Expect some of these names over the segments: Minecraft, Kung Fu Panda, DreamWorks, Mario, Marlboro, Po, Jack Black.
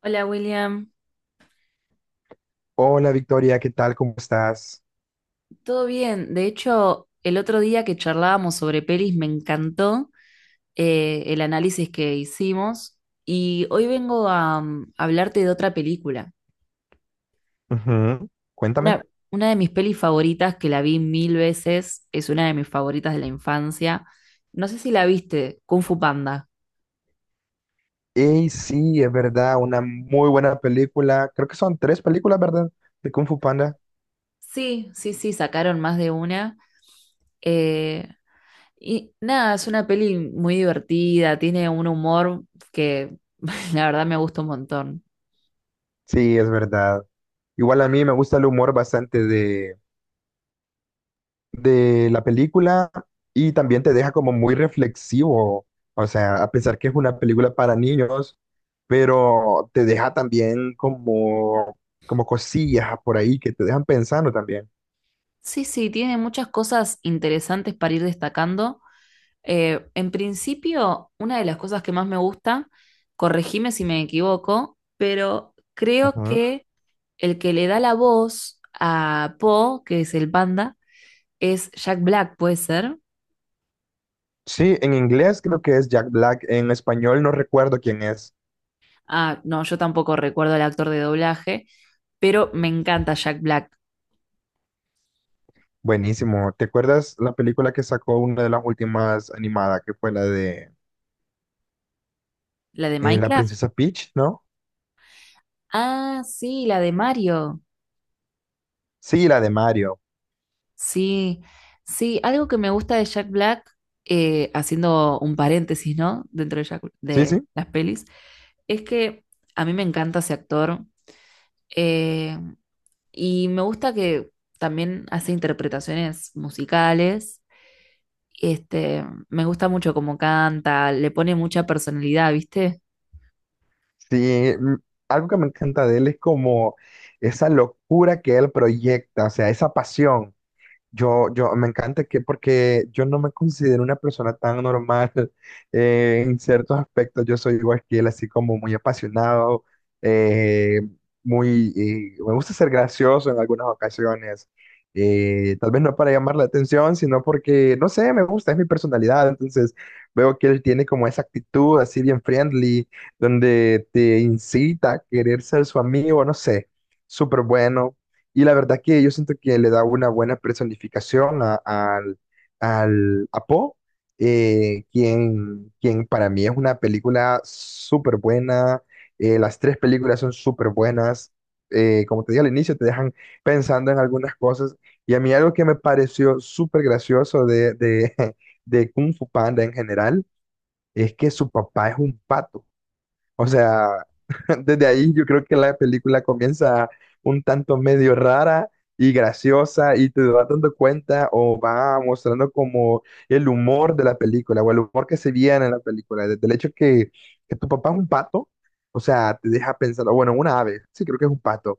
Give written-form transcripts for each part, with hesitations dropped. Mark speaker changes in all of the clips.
Speaker 1: Hola William,
Speaker 2: Hola Victoria, ¿qué tal? ¿Cómo estás?
Speaker 1: ¿todo bien? De hecho, el otro día que charlábamos sobre pelis me encantó el análisis que hicimos, y hoy vengo a, mm, hablarte de otra película.
Speaker 2: Ujú. Cuéntame.
Speaker 1: Una, una de mis pelis favoritas, que la vi mil veces, es una de mis favoritas de la infancia. No sé si la viste, Kung Fu Panda.
Speaker 2: Y sí, es verdad, una muy buena película. Creo que son tres películas, ¿verdad? De Kung Fu Panda.
Speaker 1: Sí, sí, sí, sacaron más de una. Eh, Y nada, es una peli muy divertida, tiene un humor que la verdad me gusta un montón.
Speaker 2: Sí, es verdad. Igual a mí me gusta el humor bastante de la película, y también te deja como muy reflexivo. O sea, a pesar que es una película para niños, pero te deja también como cosillas por ahí que te dejan pensando también.
Speaker 1: Sí, sí, tiene muchas cosas interesantes para ir destacando. En principio, una de las cosas que más me gusta, corregime si me equivoco, pero creo que el que le da la voz a Po, que es el panda, es Jack Black, ¿puede ser?
Speaker 2: Sí, en inglés creo que es Jack Black, en español no recuerdo quién es.
Speaker 1: Ah, no, yo tampoco recuerdo al actor de doblaje, pero me encanta Jack Black,
Speaker 2: Buenísimo. ¿Te acuerdas la película que sacó una de las últimas animadas, que fue la de
Speaker 1: la de
Speaker 2: La
Speaker 1: Minecraft.
Speaker 2: Princesa Peach, ¿no?
Speaker 1: Ah, sí, la de Mario.
Speaker 2: Sí, la de Mario.
Speaker 1: Sí, sí, algo que me gusta de Jack Black, haciendo un paréntesis, ¿no?
Speaker 2: Sí,
Speaker 1: De
Speaker 2: sí.
Speaker 1: las pelis, es que a mí me encanta ese actor, eh, y me gusta que también hace interpretaciones musicales. Este, me gusta mucho cómo canta, le pone mucha personalidad, ¿viste?
Speaker 2: Sí, algo que me encanta de él es como esa locura que él proyecta, o sea, esa pasión. Me encanta que, porque yo no me considero una persona tan normal en ciertos aspectos. Yo soy igual que él, así como muy apasionado, eh, muy, me gusta ser gracioso en algunas ocasiones. Tal vez no para llamar la atención, sino porque, no sé, me gusta, es mi personalidad. Entonces veo que él tiene como esa actitud así bien friendly, donde te incita a querer ser su amigo, no sé, súper bueno. Y la verdad que yo siento que le da una buena personificación a- al, al a Poe, quien para mí es una película súper buena. Las tres películas son súper buenas. Como te dije al inicio, te dejan pensando en algunas cosas. Y a mí algo que me pareció súper gracioso de Kung Fu Panda en general es que su papá es un pato. O sea, desde ahí yo creo que la película comienza un tanto medio rara y graciosa, y te vas dando cuenta o va mostrando como el humor de la película o el humor que se viene en la película. Desde el hecho que tu papá es un pato, o sea, te deja pensando, bueno, una ave, sí creo que es un pato,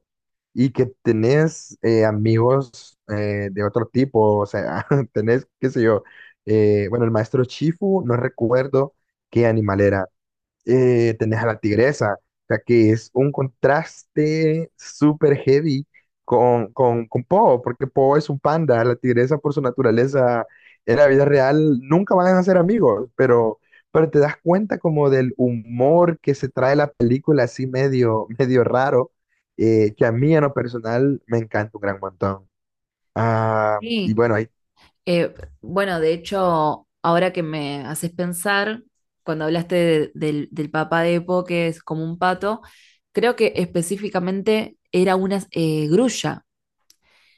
Speaker 2: y que tenés amigos de otro tipo, o sea, tenés, qué sé yo, bueno, el maestro Chifu, no recuerdo qué animal era, tenés a la tigresa, o sea que es un contraste súper heavy con Po, porque Po es un panda, la tigresa por su naturaleza en la vida real nunca van a ser amigos, pero te das cuenta como del humor que se trae la película así medio, medio raro, que a mí en lo personal me encanta un gran montón. Ah, y
Speaker 1: Sí.
Speaker 2: bueno, hay
Speaker 1: Eh, bueno, de hecho, ahora que me haces pensar, cuando hablaste del papá de Epo, que es como un pato, creo que específicamente era una grulla.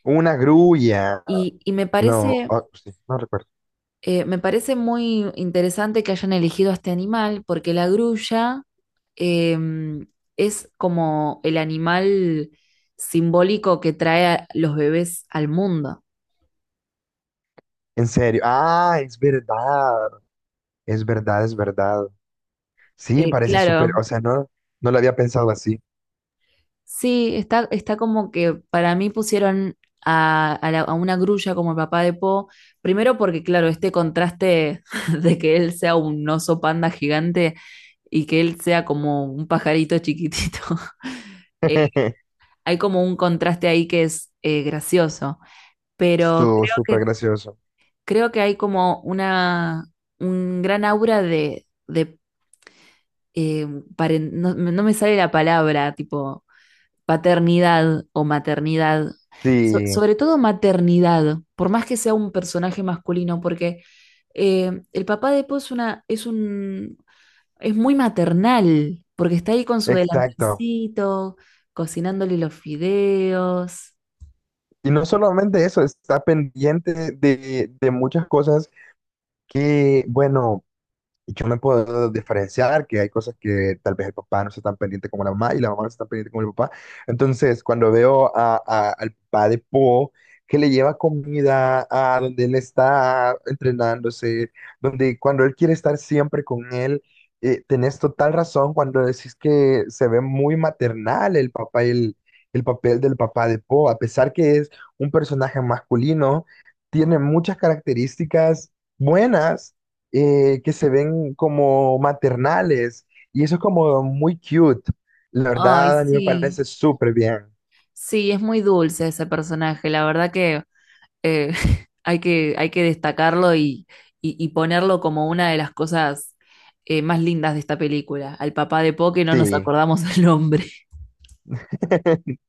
Speaker 2: una grulla,
Speaker 1: Y
Speaker 2: no, oh, sí, no recuerdo.
Speaker 1: me parece muy interesante que hayan elegido a este animal, porque la grulla eh, es como el animal simbólico que trae a los bebés al mundo.
Speaker 2: En serio, ah, es verdad. Es verdad, es verdad. Sí, parece súper,
Speaker 1: Claro.
Speaker 2: o sea, no, no lo había pensado así.
Speaker 1: Sí, está como que para mí pusieron a una grulla como el papá de Po, primero porque, claro, este contraste de que él sea un oso panda gigante y que él sea como un pajarito chiquitito, eh, hay como un contraste ahí que es gracioso, pero
Speaker 2: Estuvo súper gracioso.
Speaker 1: creo que hay como una, un gran aura de eh, no, no me sale la palabra, tipo paternidad o maternidad,
Speaker 2: Sí,
Speaker 1: sobre todo maternidad, por más que sea un personaje masculino, porque el papá de Po es una, es un, es muy maternal, porque está ahí con su
Speaker 2: exacto.
Speaker 1: delantalcito, cocinándole los fideos.
Speaker 2: Y no solamente eso, está pendiente de muchas cosas que, bueno, y yo me puedo diferenciar que hay cosas que tal vez el papá no está tan pendiente como la mamá y la mamá no está tan pendiente como el papá. Entonces, cuando veo a, al papá de Po, que le lleva comida a donde él está entrenándose, donde cuando él quiere estar siempre con él, tenés total razón cuando decís que se ve muy maternal el papá y el papel del papá de Po, a pesar que es un personaje masculino, tiene muchas características buenas, que se ven como maternales, y eso es como muy cute. La
Speaker 1: Ay,
Speaker 2: verdad, a mí me
Speaker 1: sí.
Speaker 2: parece súper bien.
Speaker 1: Sí, es muy dulce ese personaje, la verdad que eh, hay que destacarlo y, y ponerlo como una de las cosas más lindas de esta película. Al papá de Po que no nos
Speaker 2: Sí,
Speaker 1: acordamos el nombre.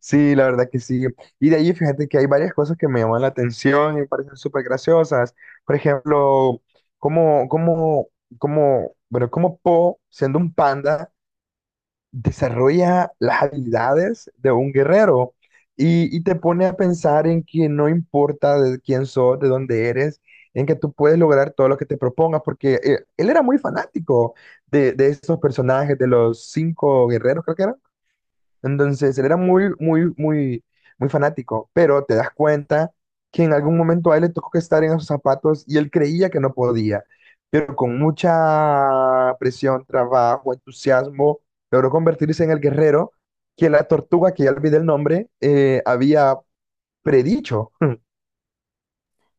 Speaker 2: sí, la verdad que sí. Y de ahí fíjate que hay varias cosas que me llaman la atención y me parecen súper graciosas. Por ejemplo, como, como, bueno, como Po, siendo un panda, desarrolla las habilidades de un guerrero, y te pone a pensar en que no importa de quién sos, de dónde eres, en que tú puedes lograr todo lo que te propongas, porque él era muy fanático de esos personajes, de los cinco guerreros, creo que eran. Entonces, él era muy fanático, pero te das cuenta que en algún momento a él le tocó que estar en esos zapatos y él creía que no podía, pero con mucha presión, trabajo, entusiasmo, logró convertirse en el guerrero que la tortuga, que ya olvidé el nombre, había predicho.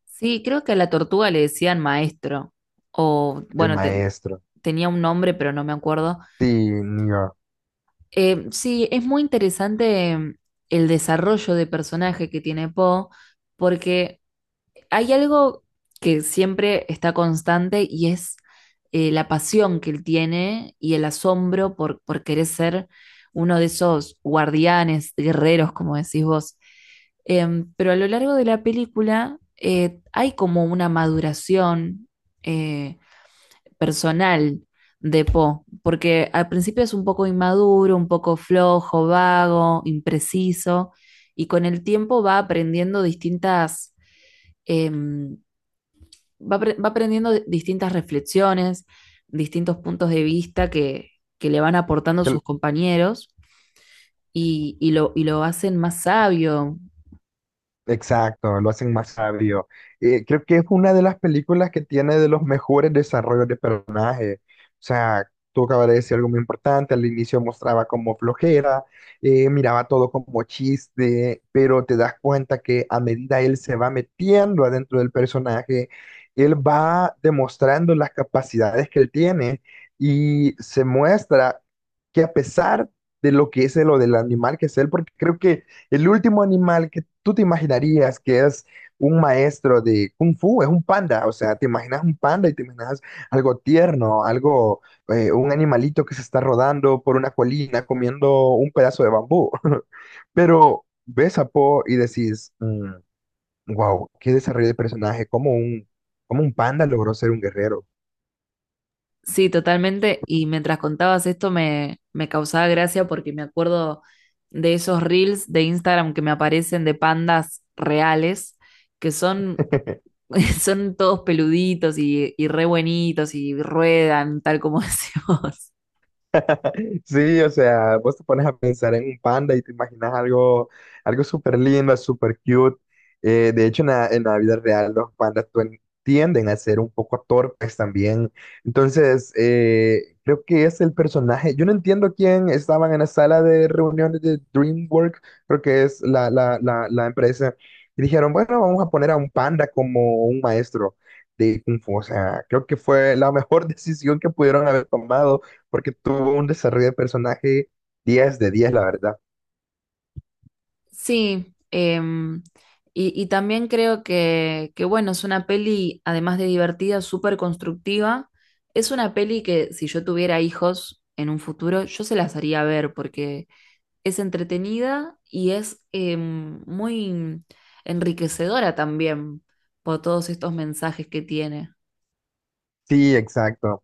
Speaker 1: Sí, creo que a la tortuga le decían maestro, o
Speaker 2: El
Speaker 1: bueno,
Speaker 2: maestro.
Speaker 1: tenía un nombre, pero no me acuerdo.
Speaker 2: Sí, niño.
Speaker 1: Sí, es muy interesante, el desarrollo de personaje que tiene Po, porque hay algo que siempre está constante y es la pasión que él tiene y el asombro por querer ser uno de esos guardianes, guerreros, como decís vos. Pero a lo largo de la película hay como una maduración eh, personal de Poe, porque al principio es un poco inmaduro, un poco flojo, vago, impreciso, y con el tiempo va aprendiendo distintas em, va, va aprendiendo distintas reflexiones, distintos puntos de vista que le van aportando sus compañeros, y, y lo hacen más sabio.
Speaker 2: Exacto, lo hacen más sabio. Creo que es una de las películas que tiene de los mejores desarrollos de personaje. O sea, tú acabas de decir algo muy importante, al inicio mostraba como flojera, miraba todo como chiste, pero te das cuenta que a medida él se va metiendo adentro del personaje, él va demostrando las capacidades que él tiene, y se muestra que a pesar de lo que es lo del animal que es él, porque creo que el último animal que tú te imaginarías que es un maestro de kung fu es un panda. O sea, te imaginas un panda y te imaginas algo tierno, algo, un animalito que se está rodando por una colina comiendo un pedazo de bambú. Pero ves a Po y decís, wow, qué desarrollo de personaje, como un panda logró ser un guerrero.
Speaker 1: Sí, totalmente. Y mientras contabas esto me, me causaba gracia porque me acuerdo de esos reels de Instagram que me aparecen de pandas reales, que son, son todos peluditos y re buenitos y ruedan, tal como decís vos.
Speaker 2: Sí, o sea, vos te pones a pensar en un panda y te imaginas algo, algo súper lindo, súper cute. De hecho, en la vida real los pandas tienden a ser un poco torpes también. Entonces, creo que es el personaje. Yo no entiendo quién estaban en la sala de reuniones de DreamWorks, creo que es la empresa, y dijeron, bueno, vamos a poner a un panda como un maestro de Kung Fu. O sea, creo que fue la mejor decisión que pudieron haber tomado porque tuvo un desarrollo de personaje 10 de 10, la verdad.
Speaker 1: Sí, y también creo que, bueno, es una peli, además de divertida, súper constructiva. Es una peli que si yo tuviera hijos en un futuro, yo se las haría ver porque es entretenida y es muy enriquecedora también por todos estos mensajes que tiene.
Speaker 2: Sí, exacto.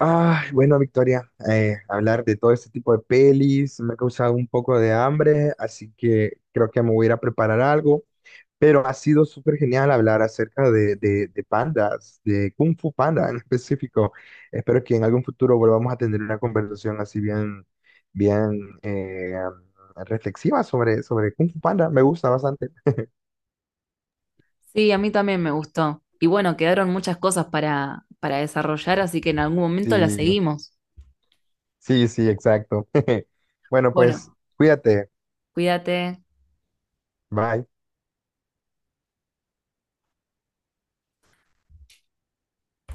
Speaker 2: Ay, bueno, Victoria, hablar de todo este tipo de pelis me ha causado un poco de hambre, así que creo que me voy a ir a preparar algo, pero ha sido súper genial hablar acerca de pandas, de Kung Fu Panda en específico. Espero que en algún futuro volvamos a tener una conversación así bien, bien reflexiva sobre, sobre Kung Fu Panda. Me gusta bastante.
Speaker 1: Sí, a mí también me gustó. Y bueno, quedaron muchas cosas para desarrollar, así que en algún momento las
Speaker 2: Sí.
Speaker 1: seguimos.
Speaker 2: Sí, sí, exacto. Bueno, pues
Speaker 1: Bueno,
Speaker 2: cuídate.
Speaker 1: cuídate.
Speaker 2: Bye.